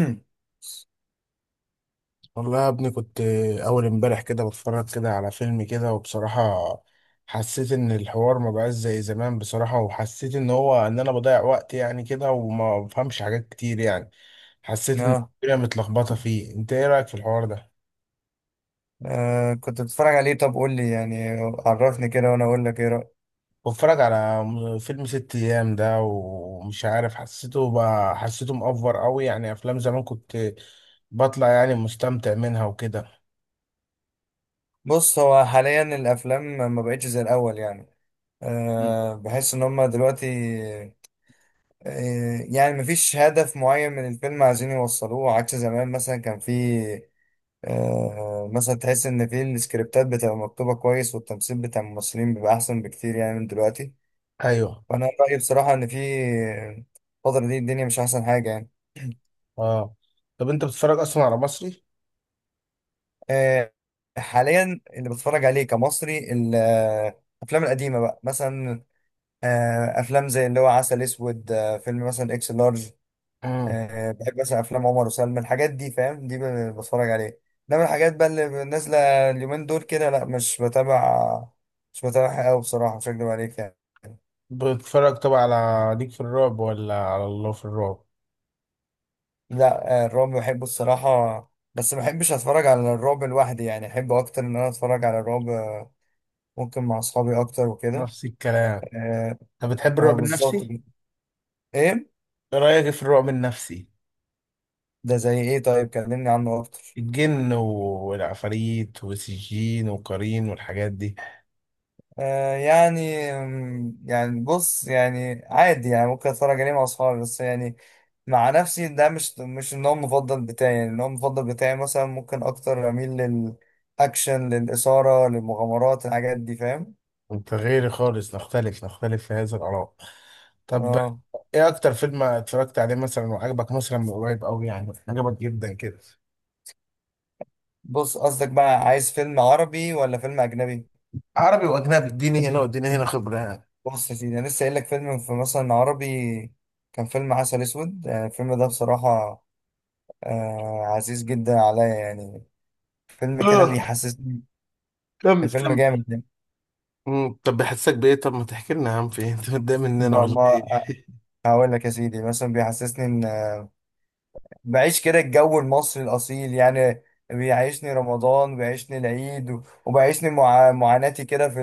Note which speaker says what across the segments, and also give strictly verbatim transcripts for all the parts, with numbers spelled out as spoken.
Speaker 1: مم.
Speaker 2: والله يا ابني كنت أول امبارح كده بتفرج كده على فيلم كده. وبصراحة حسيت إن الحوار ما بقاش زي زمان بصراحة، وحسيت إن هو إن أنا بضيع وقت يعني كده وما بفهمش حاجات كتير يعني. حسيت إن
Speaker 1: اه.
Speaker 2: الدنيا متلخبطة فيه. أنت إيه رأيك في الحوار ده؟
Speaker 1: آه، كنت بتتفرج عليه؟ طب قول لي يعني، عرفني كده وانا اقول لك ايه رأيك.
Speaker 2: بتفرج على م- فيلم ست أيام ده ومش عارف، حسيته بقى حسيته مأفور أوي يعني. أفلام زمان كنت بطلع يعني مستمتع منها وكده.
Speaker 1: بص، هو حاليا الافلام ما بقتش زي الاول يعني.
Speaker 2: مم.
Speaker 1: أه بحس ان هم دلوقتي... أه يعني مفيش هدف معين من الفيلم عايزين يوصلوه، عكس زمان. مثلا كان في أه مثلا تحس ان في السكريبتات بتبقى مكتوبة كويس، والتمثيل بتاع الممثلين بيبقى احسن بكتير يعني من دلوقتي.
Speaker 2: أيوه.
Speaker 1: فانا رأيي بصراحة ان في آه، الفترة دي الدنيا مش احسن حاجة يعني.
Speaker 2: أه. طب أنت بتتفرج أصلا على مصري؟
Speaker 1: آه، حاليا اللي بتفرج عليه كمصري ال- آه، الافلام القديمه بقى، مثلا آه، افلام زي اللي هو عسل اسود، آه، فيلم مثلا اكس لارج. آه، بحب مثلا افلام عمر وسلمى، الحاجات دي فاهم. دي ب- بتفرج عليه. انما الحاجات بقى اللي نازله اليومين دول كده، لا، مش بتابع مش بتابعها قوي بصراحه، مش هكدب عليك يعني.
Speaker 2: بتتفرج طبعا على ليك في الرعب ولا على الله في الرعب؟
Speaker 1: لا آه، الرعب بحبه الصراحه، بس ما بحبش اتفرج على الرعب لوحدي يعني. احب اكتر ان انا اتفرج على الرعب آه، ممكن مع اصحابي اكتر وكده.
Speaker 2: نفس الكلام.
Speaker 1: اه،
Speaker 2: طب بتحب
Speaker 1: آه،
Speaker 2: الرعب
Speaker 1: بالظبط.
Speaker 2: النفسي؟
Speaker 1: ايه؟
Speaker 2: ايه رايك في الرعب النفسي؟
Speaker 1: ده زي ايه؟ طيب كلمني عنه اكتر.
Speaker 2: الجن والعفاريت والسجين والقرين والحاجات دي.
Speaker 1: آه يعني، أم، يعني بص، يعني عادي يعني، ممكن اتفرج عليه مع اصحابي، بس يعني مع نفسي ده مش مش النوع المفضل بتاعي يعني. النوع المفضل بتاعي مثلا ممكن اكتر اميل للاكشن، للاثاره، للمغامرات، الحاجات دي فاهم.
Speaker 2: انت غيري خالص، نختلف نختلف في هذا الاراء. طب
Speaker 1: اه.
Speaker 2: ايه اكتر فيلم اتفرجت عليه مثلا وعجبك مثلا من قريب قوي يعني عجبك جدا كده؟
Speaker 1: بص، قصدك بقى عايز فيلم عربي ولا فيلم اجنبي؟
Speaker 2: عربي واجنبي، اديني هنا واديني هنا خبره يعني.
Speaker 1: بص يا سيدي، انا لسه قايل لك، فيلم في مثلا عربي كان فيلم عسل اسود. آه، الفيلم ده بصراحه آه عزيز جدا عليا يعني. فيلم كده
Speaker 2: اه
Speaker 1: بيحسسني،
Speaker 2: كمل
Speaker 1: فيلم
Speaker 2: كمل.
Speaker 1: جامد ده.
Speaker 2: مم، طب بحسك بايه؟ طب ما تحكي لنا يا عم في إيه؟ انت متضايق مننا
Speaker 1: بقى-
Speaker 2: ولا ايه؟
Speaker 1: ما هقول لك يا سيدي، مثلا بيحسسني ان بعيش كده الجو المصري الاصيل يعني. بيعيشني رمضان، بيعيشني العيد، و- وبيعيشني مع... معاناتي كده في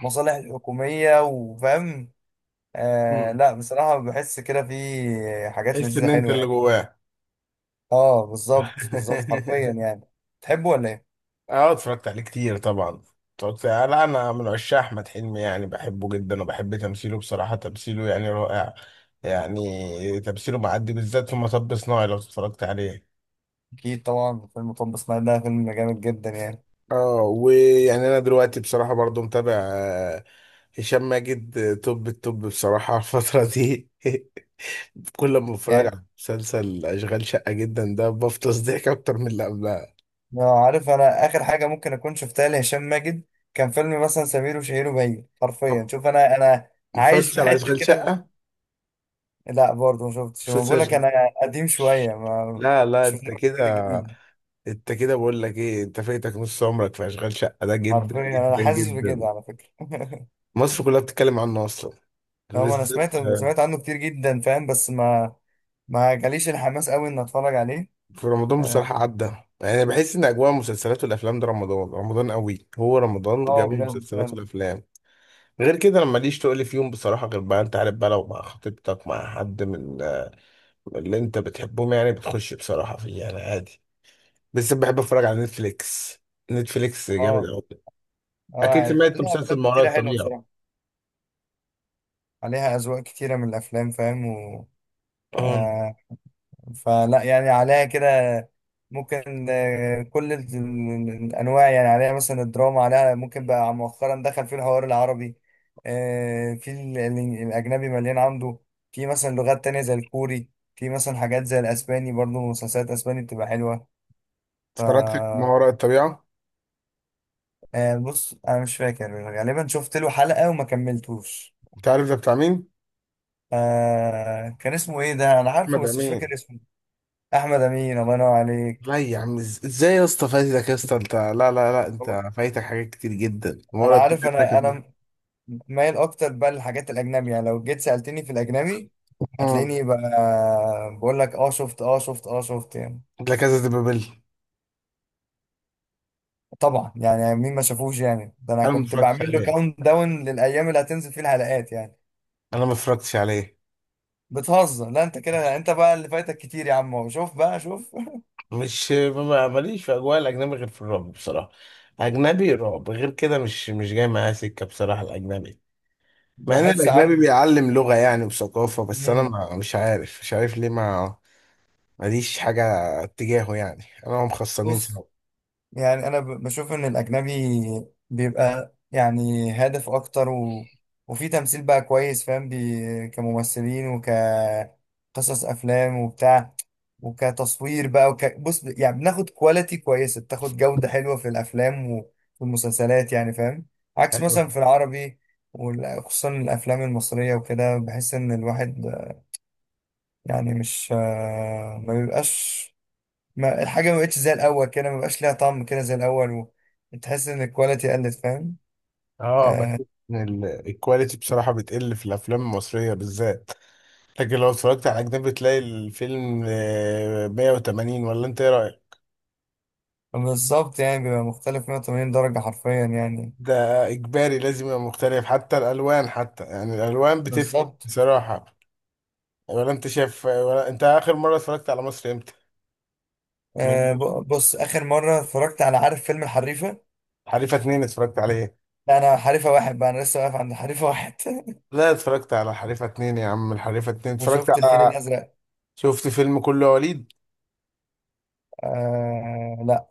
Speaker 1: المصالح الحكومية وفاهم. آه لا بصراحة بحس كده في حاجات
Speaker 2: قلت
Speaker 1: لذيذة
Speaker 2: ان انت
Speaker 1: حلوة
Speaker 2: اللي
Speaker 1: يعني.
Speaker 2: جواه.
Speaker 1: اه، بالظبط بالظبط حرفيا يعني. تحبه ولا ايه؟
Speaker 2: اه اتفرجت عليه كتير طبعا. اتفرجت، لا انا من عشاق احمد حلمي يعني، بحبه جدا وبحب تمثيله بصراحة، تمثيله يعني رائع. يعني تمثيله معدي بالذات في مطب صناعي لو اتفرجت عليه.
Speaker 1: اكيد طبعا. فيلم، طب اسماعيل ده فيلم جامد جدا يعني.
Speaker 2: اه ويعني انا دلوقتي بصراحة برضو متابع آه، هشام ماجد. آه، توب التوب بصراحة الفترة دي. كل ما بتفرج
Speaker 1: يعني
Speaker 2: على مسلسل اشغال شقة جدا ده بفطس ضحك اكتر من اللي قبلها.
Speaker 1: آه، عارف، انا اخر حاجه ممكن اكون شفتها لهشام ماجد كان فيلم مثلا سمير وشهير وبهير.
Speaker 2: ما
Speaker 1: حرفيا، شوف، انا انا عايش
Speaker 2: اتفرجتش
Speaker 1: في
Speaker 2: على
Speaker 1: حته
Speaker 2: اشغال
Speaker 1: كده و-
Speaker 2: شقة
Speaker 1: لا برضه ما شفتش. ما بقول لك
Speaker 2: مسلسل؟
Speaker 1: انا قديم شويه. ما
Speaker 2: لا لا،
Speaker 1: مش
Speaker 2: انت
Speaker 1: في كده
Speaker 2: كده.
Speaker 1: جديد.
Speaker 2: انت كده بقول لك ايه؟ انت فايتك نص عمرك في اشغال شقه ده، جدا
Speaker 1: حرفيا، انا
Speaker 2: جدا
Speaker 1: حاسس بكده
Speaker 2: جدا.
Speaker 1: على فكره
Speaker 2: مصر كلها بتتكلم عنه اصلا،
Speaker 1: هو انا
Speaker 2: وبالذات
Speaker 1: سمعت سمعت عنه كتير جدا فاهم، بس ما ما جاليش الحماس قوي ان اتفرج عليه.
Speaker 2: في رمضان
Speaker 1: اه،
Speaker 2: بصراحه عدى يعني. أنا بحس ان اجواء المسلسلات والافلام ده رمضان رمضان قوي، هو رمضان
Speaker 1: آه،
Speaker 2: جاب
Speaker 1: بجد
Speaker 2: المسلسلات
Speaker 1: فاهم.
Speaker 2: والافلام. غير كده انا ماليش تقول فيهم بصراحه، غير بقى انت عارف بقى لو مع خطيبتك مع حد من اللي انت بتحبهم يعني بتخش بصراحه فيه يعني عادي. بس بحب اتفرج على نتفليكس. نتفليكس جامد
Speaker 1: اه.
Speaker 2: قوي.
Speaker 1: اه
Speaker 2: اكيد
Speaker 1: يعني
Speaker 2: سمعت
Speaker 1: عليها
Speaker 2: مسلسل
Speaker 1: افلام
Speaker 2: ما وراء
Speaker 1: كتيره حلوه
Speaker 2: الطبيعه.
Speaker 1: بصراحه. عليها اذواق كتيره من الافلام فاهم، و
Speaker 2: اه
Speaker 1: آه، فلا يعني عليها كده، ممكن آه، كل ال- ال- الانواع يعني عليها. مثلا الدراما عليها، ممكن بقى مؤخرا دخل في الحوار العربي. آه، في ال- ال- الاجنبي مليان عنده. في مثلا لغات تانية زي الكوري، في مثلا حاجات زي الاسباني، برضو مسلسلات اسباني بتبقى حلوة. ف
Speaker 2: اتفرجت ما وراء الطبيعة.
Speaker 1: آه، بص انا مش فاكر، غالبا شفت له حلقة وما كملتوش.
Speaker 2: انت عارف ده بتاع مين؟
Speaker 1: آه كان اسمه ايه ده؟ انا عارفه
Speaker 2: احمد
Speaker 1: بس مش
Speaker 2: امين.
Speaker 1: فاكر اسمه. احمد امين، الله ينور عليك.
Speaker 2: لا يا عم، إز- ازاي يا اسطى؟ فايتك يا اسطى. انت لا لا لا، انت فايتك حاجات كتير جدا. ما
Speaker 1: انا
Speaker 2: وراء
Speaker 1: عارف،
Speaker 2: الطبيعة ده
Speaker 1: انا
Speaker 2: كان.
Speaker 1: انا مايل اكتر بقى للحاجات الاجنبي يعني. لو جيت سالتني في الاجنبي
Speaker 2: مم.
Speaker 1: هتلاقيني بقى بقول لك اه شفت، اه شفت، اه شفت يعني.
Speaker 2: لا كذا دي بابل.
Speaker 1: طبعا يعني، مين ما شافوش يعني؟ ده انا
Speaker 2: انا ما
Speaker 1: كنت
Speaker 2: اتفرجتش
Speaker 1: بعمل له
Speaker 2: عليه.
Speaker 1: كاونت داون للايام اللي هتنزل فيه الحلقات يعني.
Speaker 2: انا ما اتفرجتش عليه.
Speaker 1: بتهزر؟ لا انت كده، انت بقى اللي فايتك كتير يا عم. هو شوف بقى، شوف.
Speaker 2: مش ما- ماليش في اجواء الاجنبي غير في الرعب بصراحة. اجنبي رعب، غير كده مش مش جاي معايا سكة بصراحة الاجنبي. مع ان
Speaker 1: بحس،
Speaker 2: الاجنبي
Speaker 1: عارف.
Speaker 2: بيعلم لغة يعني وثقافة، بس انا
Speaker 1: مم.
Speaker 2: ما مش عارف مش عارف ليه، ما ماليش حاجة اتجاهه يعني. انا هم خصمين سوا.
Speaker 1: بص يعني، انا ب- بشوف ان الاجنبي بيبقى يعني هادف اكتر، و... وفي تمثيل بقى كويس فاهم، بي... كممثلين وكقصص افلام وبتاع، وكتصوير بقى، وك... بص يعني بناخد كواليتي كويسه، بتاخد جوده حلوه في الافلام وفي المسلسلات يعني فاهم. عكس
Speaker 2: أيوة.
Speaker 1: مثلا في العربي، وخصوصا الافلام المصريه وكده، بحس ان الواحد يعني مش آه، ما بيبقاش. ما الحاجه ما بقتش زي الاول كده، ما بقاش ليها طعم كده زي الاول، و... تحس ان الكواليتي قلت فاهم.
Speaker 2: اه بحس
Speaker 1: آه
Speaker 2: ان ال- الكواليتي بصراحة بتقل في الافلام المصرية بالذات. لكن لو اتفرجت على اجنبي تلاقي الفيلم آه، مية وتمانين، ولا انت ايه رأيك؟
Speaker 1: بالظبط، يعني بيبقى مختلف مية وتمانين درجه حرفيا يعني.
Speaker 2: ده اجباري لازم يبقى مختلف، حتى الالوان حتى يعني الالوان بتفرق
Speaker 1: بالظبط.
Speaker 2: بصراحة. ولا انت شايف؟ ولا انت اخر مرة اتفرجت على مصر امتى؟
Speaker 1: آه،
Speaker 2: من
Speaker 1: ب- بص اخر مره اتفرجت على، عارف، فيلم الحريفه.
Speaker 2: حريفة اتنين اتفرجت عليه؟
Speaker 1: لا، انا حريفه واحد بقى، انا لسه واقف عند حريفه واحد
Speaker 2: لا اتفرجت على حريفة اتنين يا عم، الحريفة اتنين اتفرجت
Speaker 1: وشفت الفيل
Speaker 2: على.
Speaker 1: الازرق.
Speaker 2: شفت فيلم كله يا وليد.
Speaker 1: آه لا.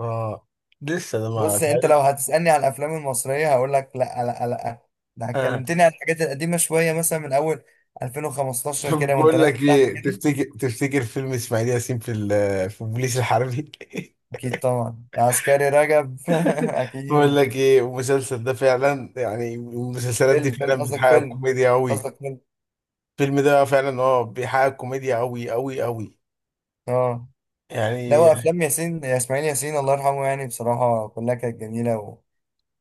Speaker 2: اه لسه ده ما
Speaker 1: بص، انت
Speaker 2: تعرف.
Speaker 1: لو هتسالني على الافلام المصريه هقول لك لا لا لا. ده
Speaker 2: اه،
Speaker 1: اتكلمتني عن الحاجات القديمه شويه، مثلا من اول ألفين وخمستاشر
Speaker 2: طب
Speaker 1: كده وانت
Speaker 2: بقول لك
Speaker 1: نازل تحت
Speaker 2: ايه،
Speaker 1: كده.
Speaker 2: تفتكر تفتكر فيلم اسماعيل ياسين في ال- في البوليس الحربي.
Speaker 1: أكيد طبعا، يا عسكري رجب
Speaker 2: بقول
Speaker 1: أكيد.
Speaker 2: لك ايه المسلسل ده فعلا، يعني المسلسلات دي
Speaker 1: فيلم فيلم
Speaker 2: فعلا
Speaker 1: قصدك؟
Speaker 2: بتحقق
Speaker 1: فيلم
Speaker 2: كوميديا قوي.
Speaker 1: قصدك فيلم؟
Speaker 2: الفيلم ده فعلا اه بيحقق كوميديا قوي قوي قوي
Speaker 1: اه. لا، هو
Speaker 2: يعني.
Speaker 1: أفلام ياسين، يا إسماعيل ياسين الله يرحمه، يعني بصراحة كلها كانت جميلة، و...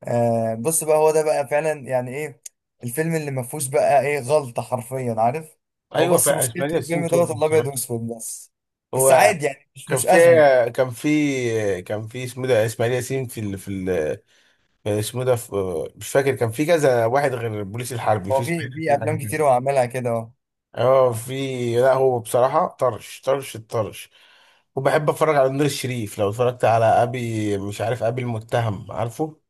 Speaker 1: آه بص بقى، هو ده بقى فعلا يعني إيه؟ الفيلم اللي ما فيهوش بقى إيه غلطة حرفيا، عارف. هو
Speaker 2: ايوه
Speaker 1: بس
Speaker 2: فعلا اسماعيل
Speaker 1: مشكلته
Speaker 2: ياسين
Speaker 1: الفيلم دوت
Speaker 2: تولد
Speaker 1: الأبيض
Speaker 2: بصراحه.
Speaker 1: وأسود بس. بس
Speaker 2: هو
Speaker 1: عادي يعني، مش
Speaker 2: كان
Speaker 1: مش
Speaker 2: في
Speaker 1: أزمة.
Speaker 2: كان في كان في اسمه ده اسماعيل ياسين في ال... في ال... اسمه ده في... مش فاكر. كان في كذا واحد غير البوليس الحربي
Speaker 1: هو
Speaker 2: في اسماعيل
Speaker 1: في، في
Speaker 2: ياسين
Speaker 1: أفلام
Speaker 2: حاجة.
Speaker 1: كتير هو عملها كده أهو.
Speaker 2: اه في. لا هو بصراحة طرش طرش الطرش. وبحب اتفرج على نور الشريف، لو اتفرجت على ابي مش عارف ابي المتهم عارفه.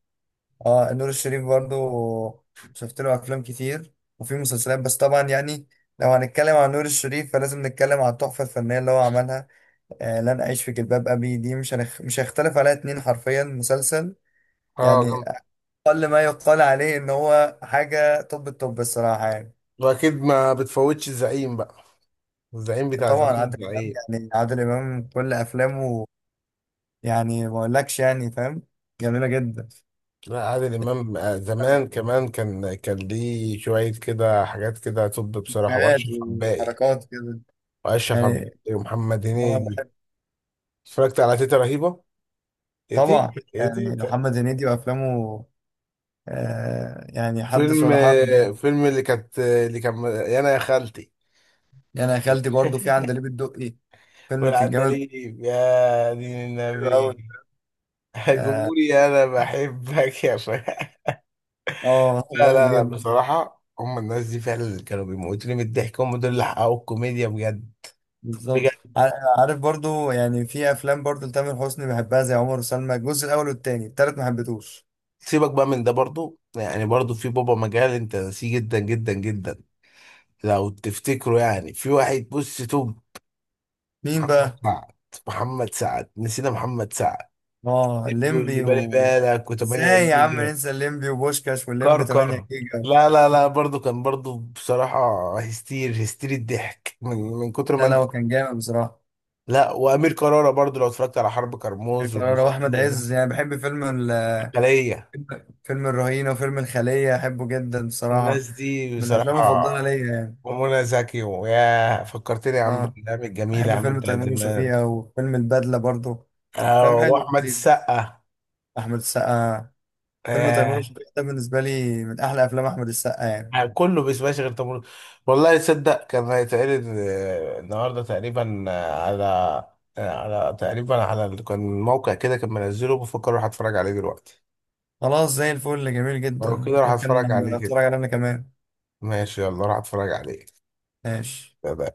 Speaker 1: اه، نور الشريف برضو، شفت له افلام كتير، وفي مسلسلات. بس طبعا يعني لو هنتكلم عن نور الشريف فلازم نتكلم عن التحفه الفنيه اللي هو عملها، آه لن اعيش في جلباب ابي. دي مش هنخ... مش هيختلف عليها اتنين حرفيا. مسلسل
Speaker 2: اه
Speaker 1: يعني
Speaker 2: جامد.
Speaker 1: اقل ما يقال عليه ان هو حاجه، طب الطب الصراحه يعني.
Speaker 2: واكيد ما بتفوتش الزعيم بقى. الزعيم بتاع
Speaker 1: طبعا
Speaker 2: زمان
Speaker 1: عادل امام،
Speaker 2: الزعيم.
Speaker 1: يعني عادل امام كل افلامه يعني ما اقولكش يعني فاهم، جميله جدا.
Speaker 2: لا عادل امام آه، زمان كمان كان كان ليه شوية كده حاجات كده، طب بصراحة.
Speaker 1: فكرات
Speaker 2: واشرف عباقي،
Speaker 1: وحركات كده
Speaker 2: واشرف عباقي
Speaker 1: يعني.
Speaker 2: ومحمد
Speaker 1: هو
Speaker 2: هنيدي.
Speaker 1: بحب.
Speaker 2: اتفرجت على تيتا رهيبة. تيتا
Speaker 1: طبعا يعني
Speaker 2: تيتا.
Speaker 1: محمد هنيدي وافلامه، آه يعني حدث
Speaker 2: فيلم
Speaker 1: ولا حرج
Speaker 2: آه،
Speaker 1: يعني.
Speaker 2: فيلم اللي كانت اللي كان انا يا خالتي.
Speaker 1: يعني يا خالتي، برضه في عندليب الدقي، فيلم كان جامد،
Speaker 2: والعندليب يا دين
Speaker 1: حلو قوي.
Speaker 2: النبي.
Speaker 1: اه،
Speaker 2: جمهوري انا بحبك يا فهد.
Speaker 1: آه،
Speaker 2: لا
Speaker 1: جامد
Speaker 2: لا لا،
Speaker 1: جدا.
Speaker 2: بصراحة هم الناس دي فعلا اللي كانوا بيموتوني من الضحك، هم دول اللي حققوا الكوميديا بجد
Speaker 1: بالظبط.
Speaker 2: بجد.
Speaker 1: ع- عارف، برضه يعني في افلام برضه لتامر حسني بحبها، زي عمر وسلمى الجزء الاول والتاني. التالت ما حبيتهوش.
Speaker 2: سيبك بقى من ده برضو، يعني برضو في بابا مجال انت ناسيه، جدا جدا جدا. لو تفتكروا يعني في واحد بص توب.
Speaker 1: مين
Speaker 2: محمد
Speaker 1: بقى؟
Speaker 2: سعد. محمد سعد نسينا محمد سعد.
Speaker 1: اه،
Speaker 2: ابنه اللي
Speaker 1: الليمبي
Speaker 2: بالي
Speaker 1: و...
Speaker 2: بالك و8
Speaker 1: ازاي يا عم
Speaker 2: جيجا.
Speaker 1: ننسى الليمبي وبوشكاش، والليمبي تمانية
Speaker 2: كركر.
Speaker 1: جيجا.
Speaker 2: لا لا لا برضو كان برضو بصراحة. هستير هستير الضحك من من كتر ما
Speaker 1: لا لا،
Speaker 2: انت.
Speaker 1: هو كان جامد بصراحه.
Speaker 2: لا وأمير كرارة برضو، لو اتفرجت على حرب
Speaker 1: أمير
Speaker 2: كرموز
Speaker 1: كرارة واحمد
Speaker 2: والمسلسلات.
Speaker 1: عز، يعني بحب فيلم،
Speaker 2: الخلية.
Speaker 1: فيلم الرهينة، وفيلم الخلية أحبه جدا بصراحة،
Speaker 2: الناس دي
Speaker 1: من الأفلام المفضلة
Speaker 2: بصراحة.
Speaker 1: ليا يعني.
Speaker 2: ومنى زكي، ويا فكرتني يا عم
Speaker 1: أه،
Speaker 2: بالأيام الجميلة يا
Speaker 1: أحب
Speaker 2: عم
Speaker 1: فيلم
Speaker 2: بتاعت
Speaker 1: تيمور
Speaker 2: زمان.
Speaker 1: وشفيقة، وفيلم البدلة برضه،
Speaker 2: آه،
Speaker 1: أفلام حلو
Speaker 2: وأحمد
Speaker 1: ولذيذ.
Speaker 2: السقا.
Speaker 1: أحمد السقا، فيلم تيمور
Speaker 2: آه،
Speaker 1: وشفيقة ده بالنسبة لي من أحلى أفلام أحمد السقا يعني.
Speaker 2: يعني كله بيسمعش غير تمر. والله تصدق كان هيتعرض آه، النهارده تقريبا آه، على، آه، على تقريبا على ال- كان موقع كده كان منزله، بفكر اروح اتفرج عليه دلوقتي.
Speaker 1: خلاص، زي الفل، جميل
Speaker 2: لو كده
Speaker 1: جدا،
Speaker 2: راح
Speaker 1: ممكن
Speaker 2: اتفرج
Speaker 1: أبقى
Speaker 2: عليه كده.
Speaker 1: أتفرج عليه أنا كمان.
Speaker 2: ماشي، يلا راح اتفرج عليه.
Speaker 1: ماشي.
Speaker 2: سلام.